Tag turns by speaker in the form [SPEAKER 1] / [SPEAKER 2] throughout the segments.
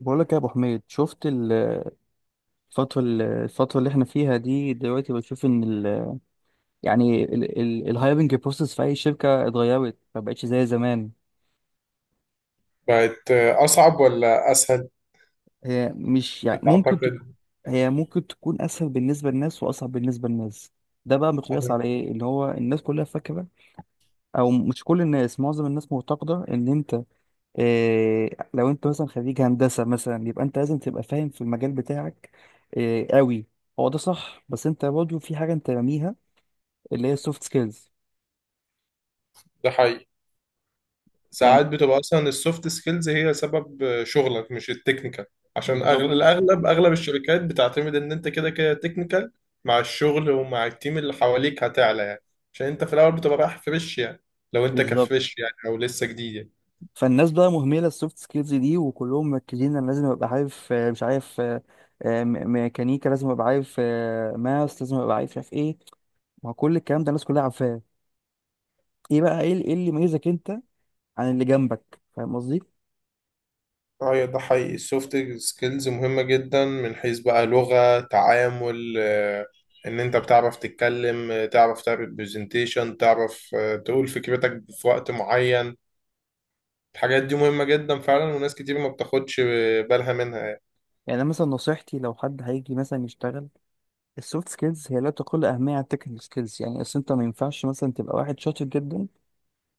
[SPEAKER 1] بقول لك يا ابو حميد، شفت الفتره الفتره اللي احنا فيها دي دلوقتي؟ بشوف ان ال يعني الهايرنج بروسيس في اي شركه اتغيرت، ما بقتش زي زمان.
[SPEAKER 2] بقت أصعب ولا أسهل،
[SPEAKER 1] هي مش يعني ممكن تك-
[SPEAKER 2] بتعتقد؟
[SPEAKER 1] هي ممكن تكون اسهل بالنسبه للناس واصعب بالنسبه للناس. ده بقى مقياس
[SPEAKER 2] أنا-
[SPEAKER 1] على ايه؟ اللي هو الناس كلها فاكره، او مش كل الناس، معظم الناس معتقده ان انت إيه، لو انت مثلا خريج هندسه مثلا يبقى انت لازم تبقى فاهم في المجال بتاعك. إيه قوي، هو ده صح، بس انت برضه في حاجه انت راميها، اللي هي السوفت سكيلز.
[SPEAKER 2] ده حقيقي،
[SPEAKER 1] يعني
[SPEAKER 2] ساعات بتبقى أصلا السوفت سكيلز هي سبب شغلك مش التكنيكال. عشان
[SPEAKER 1] بالظبط.
[SPEAKER 2] أغلب الشركات بتعتمد إن أنت كده كده تكنيكال، مع الشغل ومع التيم اللي حواليك هتعلى يعني. عشان أنت في الأول بتبقى رايح فريش يعني، لو أنت
[SPEAKER 1] بالظبط،
[SPEAKER 2] كفريش يعني أو لسه جديد يعني.
[SPEAKER 1] فالناس بقى مهمله السوفت سكيلز دي، وكلهم مركزين انا لازم ابقى عارف مش عارف ميكانيكا لازم ابقى عارف ماس لازم ابقى عارف مش عارف ايه. ما هو كل الكلام ده الناس كلها عارفاه. ايه بقى؟ إيه اللي يميزك انت عن اللي جنبك؟ فاهم قصدي؟
[SPEAKER 2] اه، ده حقيقي، السوفت سكيلز مهمة جدا من حيث بقى لغة تعامل، ان انت بتعرف تتكلم، تعرف تعمل برزنتيشن، تعرف تقول فكرتك في وقت معين. الحاجات دي مهمة جدا فعلا، وناس كتير ما بتاخدش بالها منها يعني.
[SPEAKER 1] يعني أنا مثلا نصيحتي لو حد هيجي مثلا يشتغل، السوفت سكيلز هي لا تقل اهميه عن التكنيكال سكيلز. يعني اصل انت ما ينفعش مثلا تبقى واحد شاطر جدا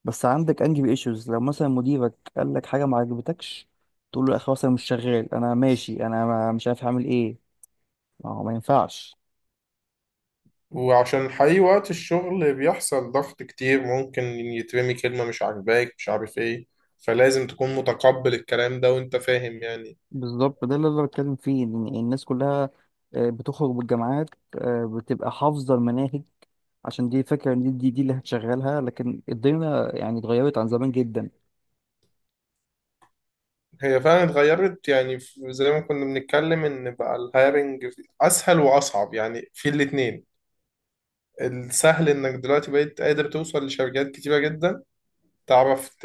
[SPEAKER 1] بس عندك انجي ايشوز، لو مثلا مديرك قال لك حاجه ما عجبتكش تقول له يا اخي خلاص انا مش شغال، انا ماشي، انا مش عارف هعمل ايه. ما هو ما ينفعش.
[SPEAKER 2] وعشان حقيقي وقت الشغل بيحصل ضغط كتير، ممكن يترمي كلمة مش عاجباك مش عارف ايه، فلازم تكون متقبل الكلام ده وانت فاهم يعني.
[SPEAKER 1] بالظبط، ده اللي انا بتكلم فيه، إن الناس كلها بتخرج بالجامعات، بتبقى حافظه المناهج، عشان دي فكره ان دي اللي هتشغلها، لكن الدنيا يعني اتغيرت عن زمان جدا.
[SPEAKER 2] هي فعلا اتغيرت يعني، زي ما كنا بنتكلم ان بقى الهايرنج اسهل واصعب يعني في الاتنين. السهل انك دلوقتي بقيت قادر توصل لشركات كتيرة جدا، تعرف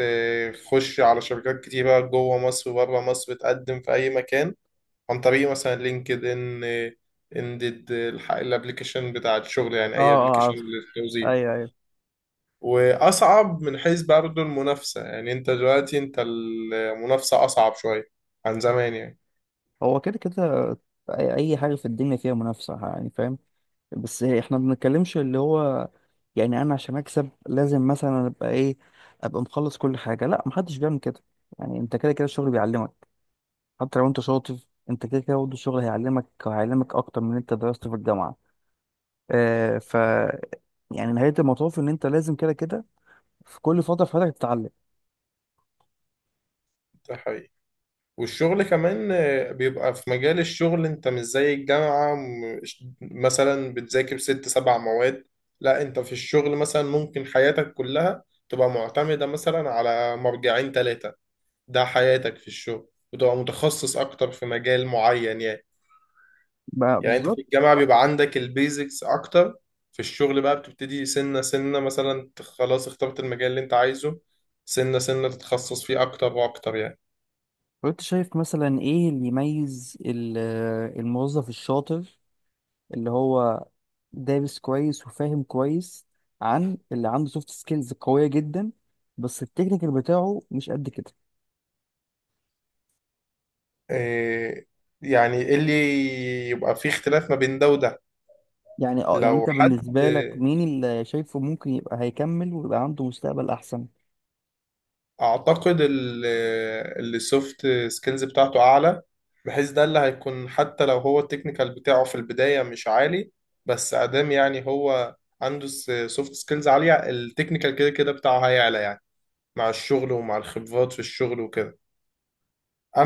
[SPEAKER 2] تخش على شركات كتيرة جوه مصر وبره مصر، بتقدم في اي مكان عن طريق مثلا لينكد ان، اندد، الابلكيشن بتاع الشغل يعني
[SPEAKER 1] اه
[SPEAKER 2] اي
[SPEAKER 1] اه
[SPEAKER 2] ابلكيشن
[SPEAKER 1] عارف.
[SPEAKER 2] للتوظيف.
[SPEAKER 1] ايوه ايوه.
[SPEAKER 2] واصعب من حيث برضه المنافسة، يعني انت دلوقتي انت المنافسة اصعب شوية عن زمان يعني.
[SPEAKER 1] هو كده كده، أي حاجه في الدنيا فيها منافسه، يعني فاهم. بس احنا ما بنتكلمش اللي هو، يعني انا عشان اكسب لازم مثلا ابقى ايه، ابقى مخلص كل حاجه؟ لا محدش بيعمل كده. يعني انت كده كده الشغل بيعلمك، حتى لو انت شاطر انت كده كده برضه الشغل هيعلمك، وهيعلمك اكتر من اللي انت درسته في الجامعه. آه ف يعني نهايه المطاف ان انت لازم كده كده في كل فتره في حياتك تتعلم.
[SPEAKER 2] ده حقيقي، والشغل كمان بيبقى في مجال الشغل انت مش زي الجامعة، مثلا بتذاكر 6 7 مواد. لا، انت في الشغل مثلا ممكن حياتك كلها تبقى معتمدة مثلا على مرجعين 3. ده حياتك في الشغل، وتبقى متخصص اكتر في مجال معين يعني.
[SPEAKER 1] بقى
[SPEAKER 2] يعني انت في
[SPEAKER 1] بالظبط.
[SPEAKER 2] الجامعة بيبقى عندك البيزكس اكتر، في الشغل بقى بتبتدي سنة سنة، مثلا خلاص اخترت المجال اللي انت عايزه، سنة سنة تتخصص فيه اكتر واكتر يعني.
[SPEAKER 1] وانت شايف مثلا ايه اللي يميز الموظف الشاطر اللي هو دارس كويس وفاهم كويس، عن اللي عنده سوفت سكيلز قوية جدا بس التكنيكال بتاعه مش قد كده؟
[SPEAKER 2] إيه يعني، ايه اللي يبقى فيه اختلاف ما بين ده وده؟
[SPEAKER 1] يعني اه، يعني
[SPEAKER 2] لو
[SPEAKER 1] انت
[SPEAKER 2] حد،
[SPEAKER 1] بالنسبة لك مين اللي شايفه ممكن يبقى هيكمل ويبقى عنده مستقبل احسن؟
[SPEAKER 2] اعتقد اللي السوفت سكيلز بتاعته اعلى، بحيث ده اللي هيكون، حتى لو هو التكنيكال بتاعه في البداية مش عالي، بس ادام يعني هو عنده سوفت سكيلز عالية، التكنيكال كده كده بتاعه هيعلى يعني، مع الشغل ومع الخبرات في الشغل وكده.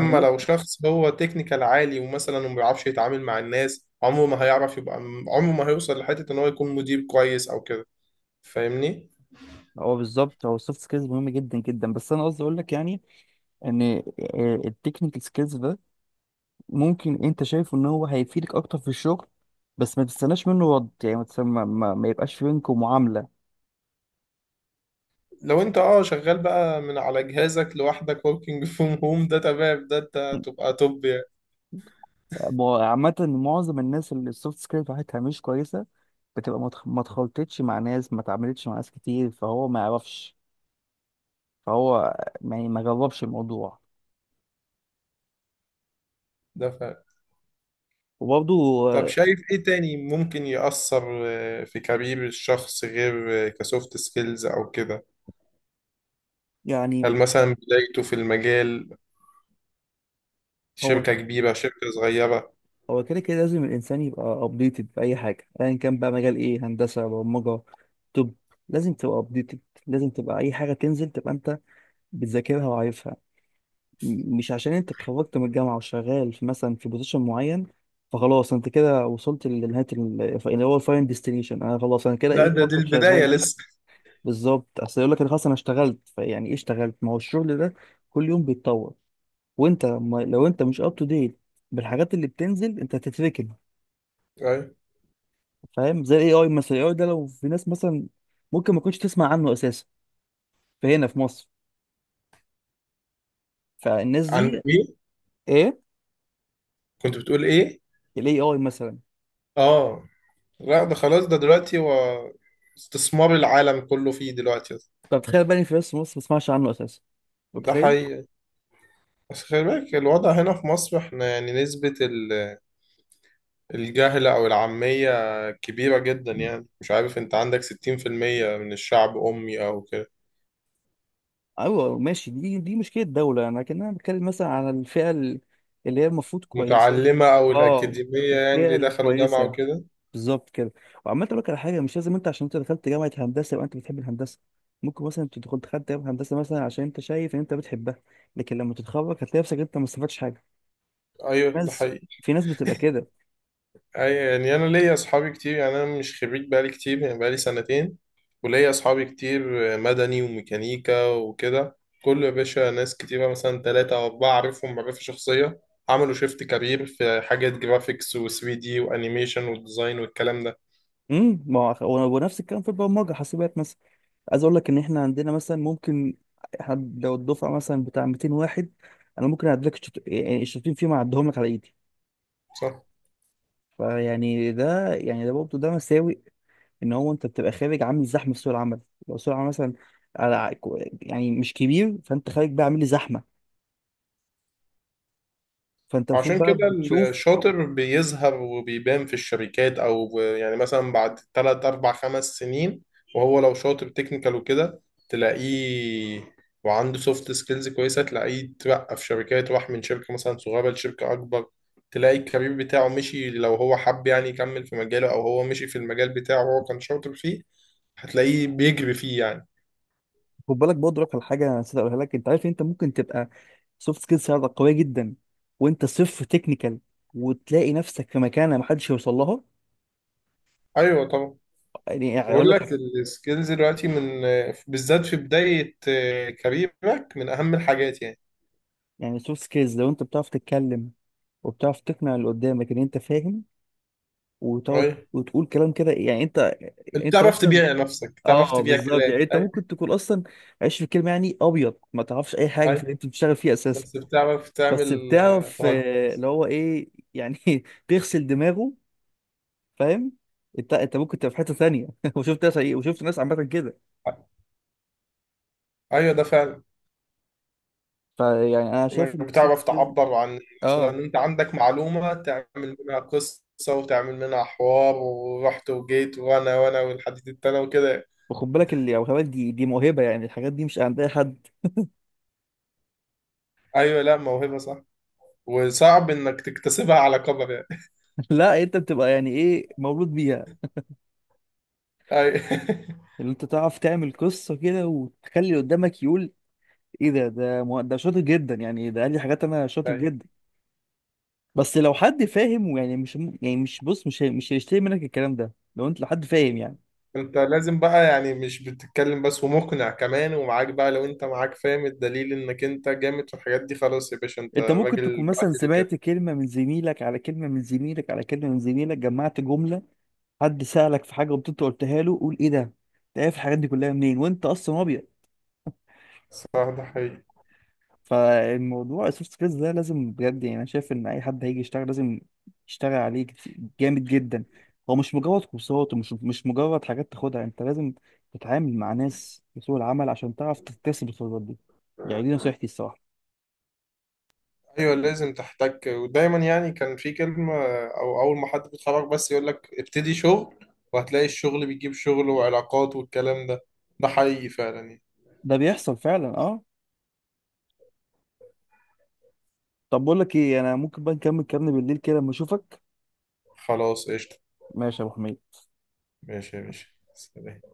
[SPEAKER 1] هي
[SPEAKER 2] لو
[SPEAKER 1] ممكن.
[SPEAKER 2] شخص هو تكنيكال عالي، ومثلا ما بيعرفش يتعامل مع الناس، عمره ما هيعرف يبقى، عمره ما هيوصل لحتة ان هو يكون مدير كويس او كده، فاهمني؟
[SPEAKER 1] هو بالظبط، هو السوفت سكيلز مهم جدا جدا، بس انا قصدي اقول لك يعني ان التكنيكال سكيلز ده ممكن انت شايفه ان هو هيفيدك اكتر في الشغل، بس ما تستناش منه رد، يعني ما, تستنى- ما, ما ما يبقاش في بينكم معاملة.
[SPEAKER 2] لو انت اه شغال بقى من على جهازك لوحدك working from home، ده تمام، ده انت تبقى توب يعني.
[SPEAKER 1] عامة معظم الناس اللي السوفت سكيلز بتاعتها مش كويسة، بتبقى ما اتخلطتش مع ناس، ما اتعاملتش مع ناس كتير، فهو ما يعرفش، فهو يعني ما جربش الموضوع.
[SPEAKER 2] ده فعلا.
[SPEAKER 1] وبرضه
[SPEAKER 2] طب
[SPEAKER 1] آه،
[SPEAKER 2] شايف ايه تاني ممكن يأثر في كارير الشخص غير كسوفت سكيلز او كده؟
[SPEAKER 1] يعني
[SPEAKER 2] هل مثلا بدايته في المجال،
[SPEAKER 1] هو
[SPEAKER 2] شركة كبيرة شركة صغيرة؟
[SPEAKER 1] هو كده كده لازم الانسان يبقى ابديتد في اي حاجه، ايا كان بقى مجال ايه، هندسه، برمجه. طب، لازم تبقى ابديتد، لازم تبقى اي حاجه تنزل تبقى انت بتذاكرها وعارفها. مش عشان انت اتخرجت من الجامعه وشغال في مثلا في بوزيشن معين فخلاص انت كده وصلت لنهايه اللي هو الفاين ديستنيشن، انا خلاص انا كده
[SPEAKER 2] لا،
[SPEAKER 1] ايه،
[SPEAKER 2] ده دي
[SPEAKER 1] هفضل
[SPEAKER 2] البداية
[SPEAKER 1] شغال.
[SPEAKER 2] لسه.
[SPEAKER 1] بالظبط، اصل يقول لك انا خلاص انا اشتغلت، فيعني ايه اشتغلت؟ ما هو الشغل ده كل يوم بيتطور، وانت ما لو انت مش اب تو ديت بالحاجات اللي بتنزل انت هتتركن.
[SPEAKER 2] أيوة.
[SPEAKER 1] فاهم؟ زي الاي اي مثلا، الاي اي ده لو في ناس مثلا ممكن ما كنتش تسمع عنه اساسا، فهنا في مصر، فالناس دي.
[SPEAKER 2] عن مين؟
[SPEAKER 1] ايه؟
[SPEAKER 2] كنت بتقول ايه؟
[SPEAKER 1] الاي اي مثلا.
[SPEAKER 2] اه. لا، ده خلاص ده دلوقتي هو استثمار العالم كله فيه دلوقتي.
[SPEAKER 1] طب تخيل بقى إن في ناس في مصر ما تسمعش عنه اساسا،
[SPEAKER 2] ده
[SPEAKER 1] متخيل؟
[SPEAKER 2] حقيقي، بس خلي بالك الوضع هنا في مصر، احنا يعني نسبة الجهل أو العامية كبيرة جدا يعني. مش عارف، انت عندك 60% من الشعب أمي أو كده،
[SPEAKER 1] ايوه ماشي، دي مشكله الدوله، انا كان انا بتكلم مثلا على الفئه اللي هي المفروض كويسه.
[SPEAKER 2] متعلمة أو
[SPEAKER 1] اه،
[SPEAKER 2] الأكاديمية يعني
[SPEAKER 1] الفئه
[SPEAKER 2] اللي دخلوا جامعة
[SPEAKER 1] الكويسه،
[SPEAKER 2] وكده.
[SPEAKER 1] بالظبط كده. وعمال اقول لك على حاجه، مش لازم انت عشان انت دخلت جامعه هندسه يبقى انت بتحب الهندسه، ممكن مثلا انت دخلت جامعه هندسه مثلا عشان انت شايف ان انت بتحبها، لكن لما تتخرج هتلاقي نفسك انت ما استفدتش حاجه.
[SPEAKER 2] أيوه ده
[SPEAKER 1] ناس،
[SPEAKER 2] حقيقي.
[SPEAKER 1] في ناس بتبقى كده.
[SPEAKER 2] اي يعني، انا ليا اصحابي كتير يعني، انا مش خريج بقالي كتير يعني، بقالي سنتين، وليا اصحابي كتير، مدني وميكانيكا وكده. كل يا باشا، ناس كتيرة مثلا 3 او 4 اعرفهم معرفة شخصية، عملوا شيفت كارير في حاجات جرافيكس و3 دي وانيميشن والديزاين والكلام ده.
[SPEAKER 1] ما هو ونفس الكلام في البرمجه، حاسبات مثلا. عايز اقول لك ان احنا عندنا مثلا ممكن حد لو الدفعه مثلا بتاع 200 واحد، انا ممكن اعدلك يعني الشاطرين فيه ما اعدهم لك على ايدي.
[SPEAKER 2] صح.
[SPEAKER 1] فيعني ده، يعني ده برضه ده مساوئ، ان هو انت بتبقى خارج عامل زحمه في سوق العمل. لو سوق العمل مثلا على يعني مش كبير، فانت خارج بقى عامل لي زحمه. فانت المفروض
[SPEAKER 2] وعشان
[SPEAKER 1] بقى
[SPEAKER 2] كده
[SPEAKER 1] بتشوف.
[SPEAKER 2] الشاطر بيظهر وبيبان في الشركات، او يعني مثلا بعد 3 4 5 سنين، وهو لو شاطر تكنيكال وكده، تلاقيه وعنده سوفت سكيلز كويسه تلاقيه اترقى في شركات، راح من شركه مثلا صغيره لشركه اكبر. تلاقي الكارير بتاعه مشي، لو هو حب يعني يكمل في مجاله، او هو مشي في المجال بتاعه، وهو كان شاطر فيه، هتلاقيه بيجري فيه يعني.
[SPEAKER 1] خد بالك برضه لك على حاجه انا نسيت اقولها لك، انت عارف إن انت ممكن تبقى سوفت سكيلز عندك قويه جدا وانت صفر تكنيكال وتلاقي نفسك في مكانه محدش يوصل لها.
[SPEAKER 2] ايوه طبعا.
[SPEAKER 1] يعني اقول
[SPEAKER 2] بقول
[SPEAKER 1] لك،
[SPEAKER 2] لك السكيلز دلوقتي من، بالذات في بداية كاريرك من أهم الحاجات يعني.
[SPEAKER 1] يعني سوفت سكيلز لو انت بتعرف تتكلم، وبتعرف تقنع اللي قدامك ان انت فاهم، وتقعد
[SPEAKER 2] أي،
[SPEAKER 1] وتقول كلام كده، يعني انت،
[SPEAKER 2] أنت
[SPEAKER 1] يعني انت
[SPEAKER 2] بتعرف
[SPEAKER 1] مثلا.
[SPEAKER 2] تبيع نفسك، بتعرف
[SPEAKER 1] اه
[SPEAKER 2] تبيع
[SPEAKER 1] بالظبط،
[SPEAKER 2] كلام.
[SPEAKER 1] يعني انت
[SPEAKER 2] أي،
[SPEAKER 1] ممكن تكون اصلا عايش في الكلمه، يعني ابيض ما تعرفش اي حاجه في اللي
[SPEAKER 2] أي،
[SPEAKER 1] انت بتشتغل فيه اساسا،
[SPEAKER 2] بس بتعرف
[SPEAKER 1] بس
[SPEAKER 2] تعمل
[SPEAKER 1] بتعرف
[SPEAKER 2] تهجم.
[SPEAKER 1] اللي هو ايه يعني تغسل دماغه. فاهم؟ انت ممكن تبقى في حته ثانيه. وشفت ناس ايه، وشفت ناس عامه كده.
[SPEAKER 2] أيوه ده فعلا،
[SPEAKER 1] فيعني انا شايف ان
[SPEAKER 2] إنك
[SPEAKER 1] السوفت
[SPEAKER 2] بتعرف
[SPEAKER 1] سكيلز،
[SPEAKER 2] تعبر عن، مثلا
[SPEAKER 1] اه.
[SPEAKER 2] أنت عندك معلومة تعمل منها قصة، وتعمل منها حوار، ورحت وجيت وأنا وأنا والحديد التاني وكده.
[SPEAKER 1] وخد بالك اللي او خبرك، دي موهبه، يعني الحاجات دي مش عند اي حد.
[SPEAKER 2] أيوه، لا موهبة، صح، وصعب إنك تكتسبها على كبر يعني.
[SPEAKER 1] لا انت بتبقى يعني ايه، مولود بيها.
[SPEAKER 2] أي،
[SPEAKER 1] اللي انت تعرف تعمل قصه كده وتخلي اللي قدامك يقول ايه ده، ده شاطر جدا، يعني ده قال لي حاجات انا شاطر
[SPEAKER 2] أي،
[SPEAKER 1] جدا. بس لو حد فاهم ويعني مش يعني مش بص، مش هيشتري منك الكلام ده لو انت لحد فاهم يعني.
[SPEAKER 2] انت لازم بقى يعني، مش بتتكلم بس، ومقنع كمان، ومعاك بقى، لو انت معاك فاهم الدليل انك انت جامد في الحاجات دي، خلاص يا باشا انت
[SPEAKER 1] انت ممكن
[SPEAKER 2] راجل،
[SPEAKER 1] تكون مثلا
[SPEAKER 2] بعتله كده.
[SPEAKER 1] سمعت كلمة من زميلك، على كلمة من زميلك، على كلمة من زميلك، جمعت جملة، حد سألك في حاجة وانت قلتها له، قول ايه ده، انت عارف الحاجات دي كلها منين وانت اصلا ابيض.
[SPEAKER 2] صح، ده حقيقي.
[SPEAKER 1] فالموضوع السوفت سكيلز ده لازم بجد، يعني انا شايف ان اي حد هيجي يشتغل لازم يشتغل عليه جامد جدا. هو مش مجرد كورسات، ومش مش مجرد حاجات تاخدها، انت لازم تتعامل مع ناس في سوق العمل عشان تعرف تكتسب الخبرات دي. يعني دي نصيحتي الصراحة.
[SPEAKER 2] ايوه لازم تحتك ودايما يعني، كان في كلمة، او اول ما حد بيتخرج بس يقول لك ابتدي شغل، وهتلاقي الشغل بيجيب شغل وعلاقات والكلام ده. ده حقيقي فعلا يعني.
[SPEAKER 1] ده بيحصل فعلا، اه. طب بقول لك ايه، انا ممكن بقى نكمل كلامنا بالليل كده لما اشوفك.
[SPEAKER 2] خلاص قشطة.
[SPEAKER 1] ماشي يا ابو حميد.
[SPEAKER 2] ماشي يا باشا. سلام.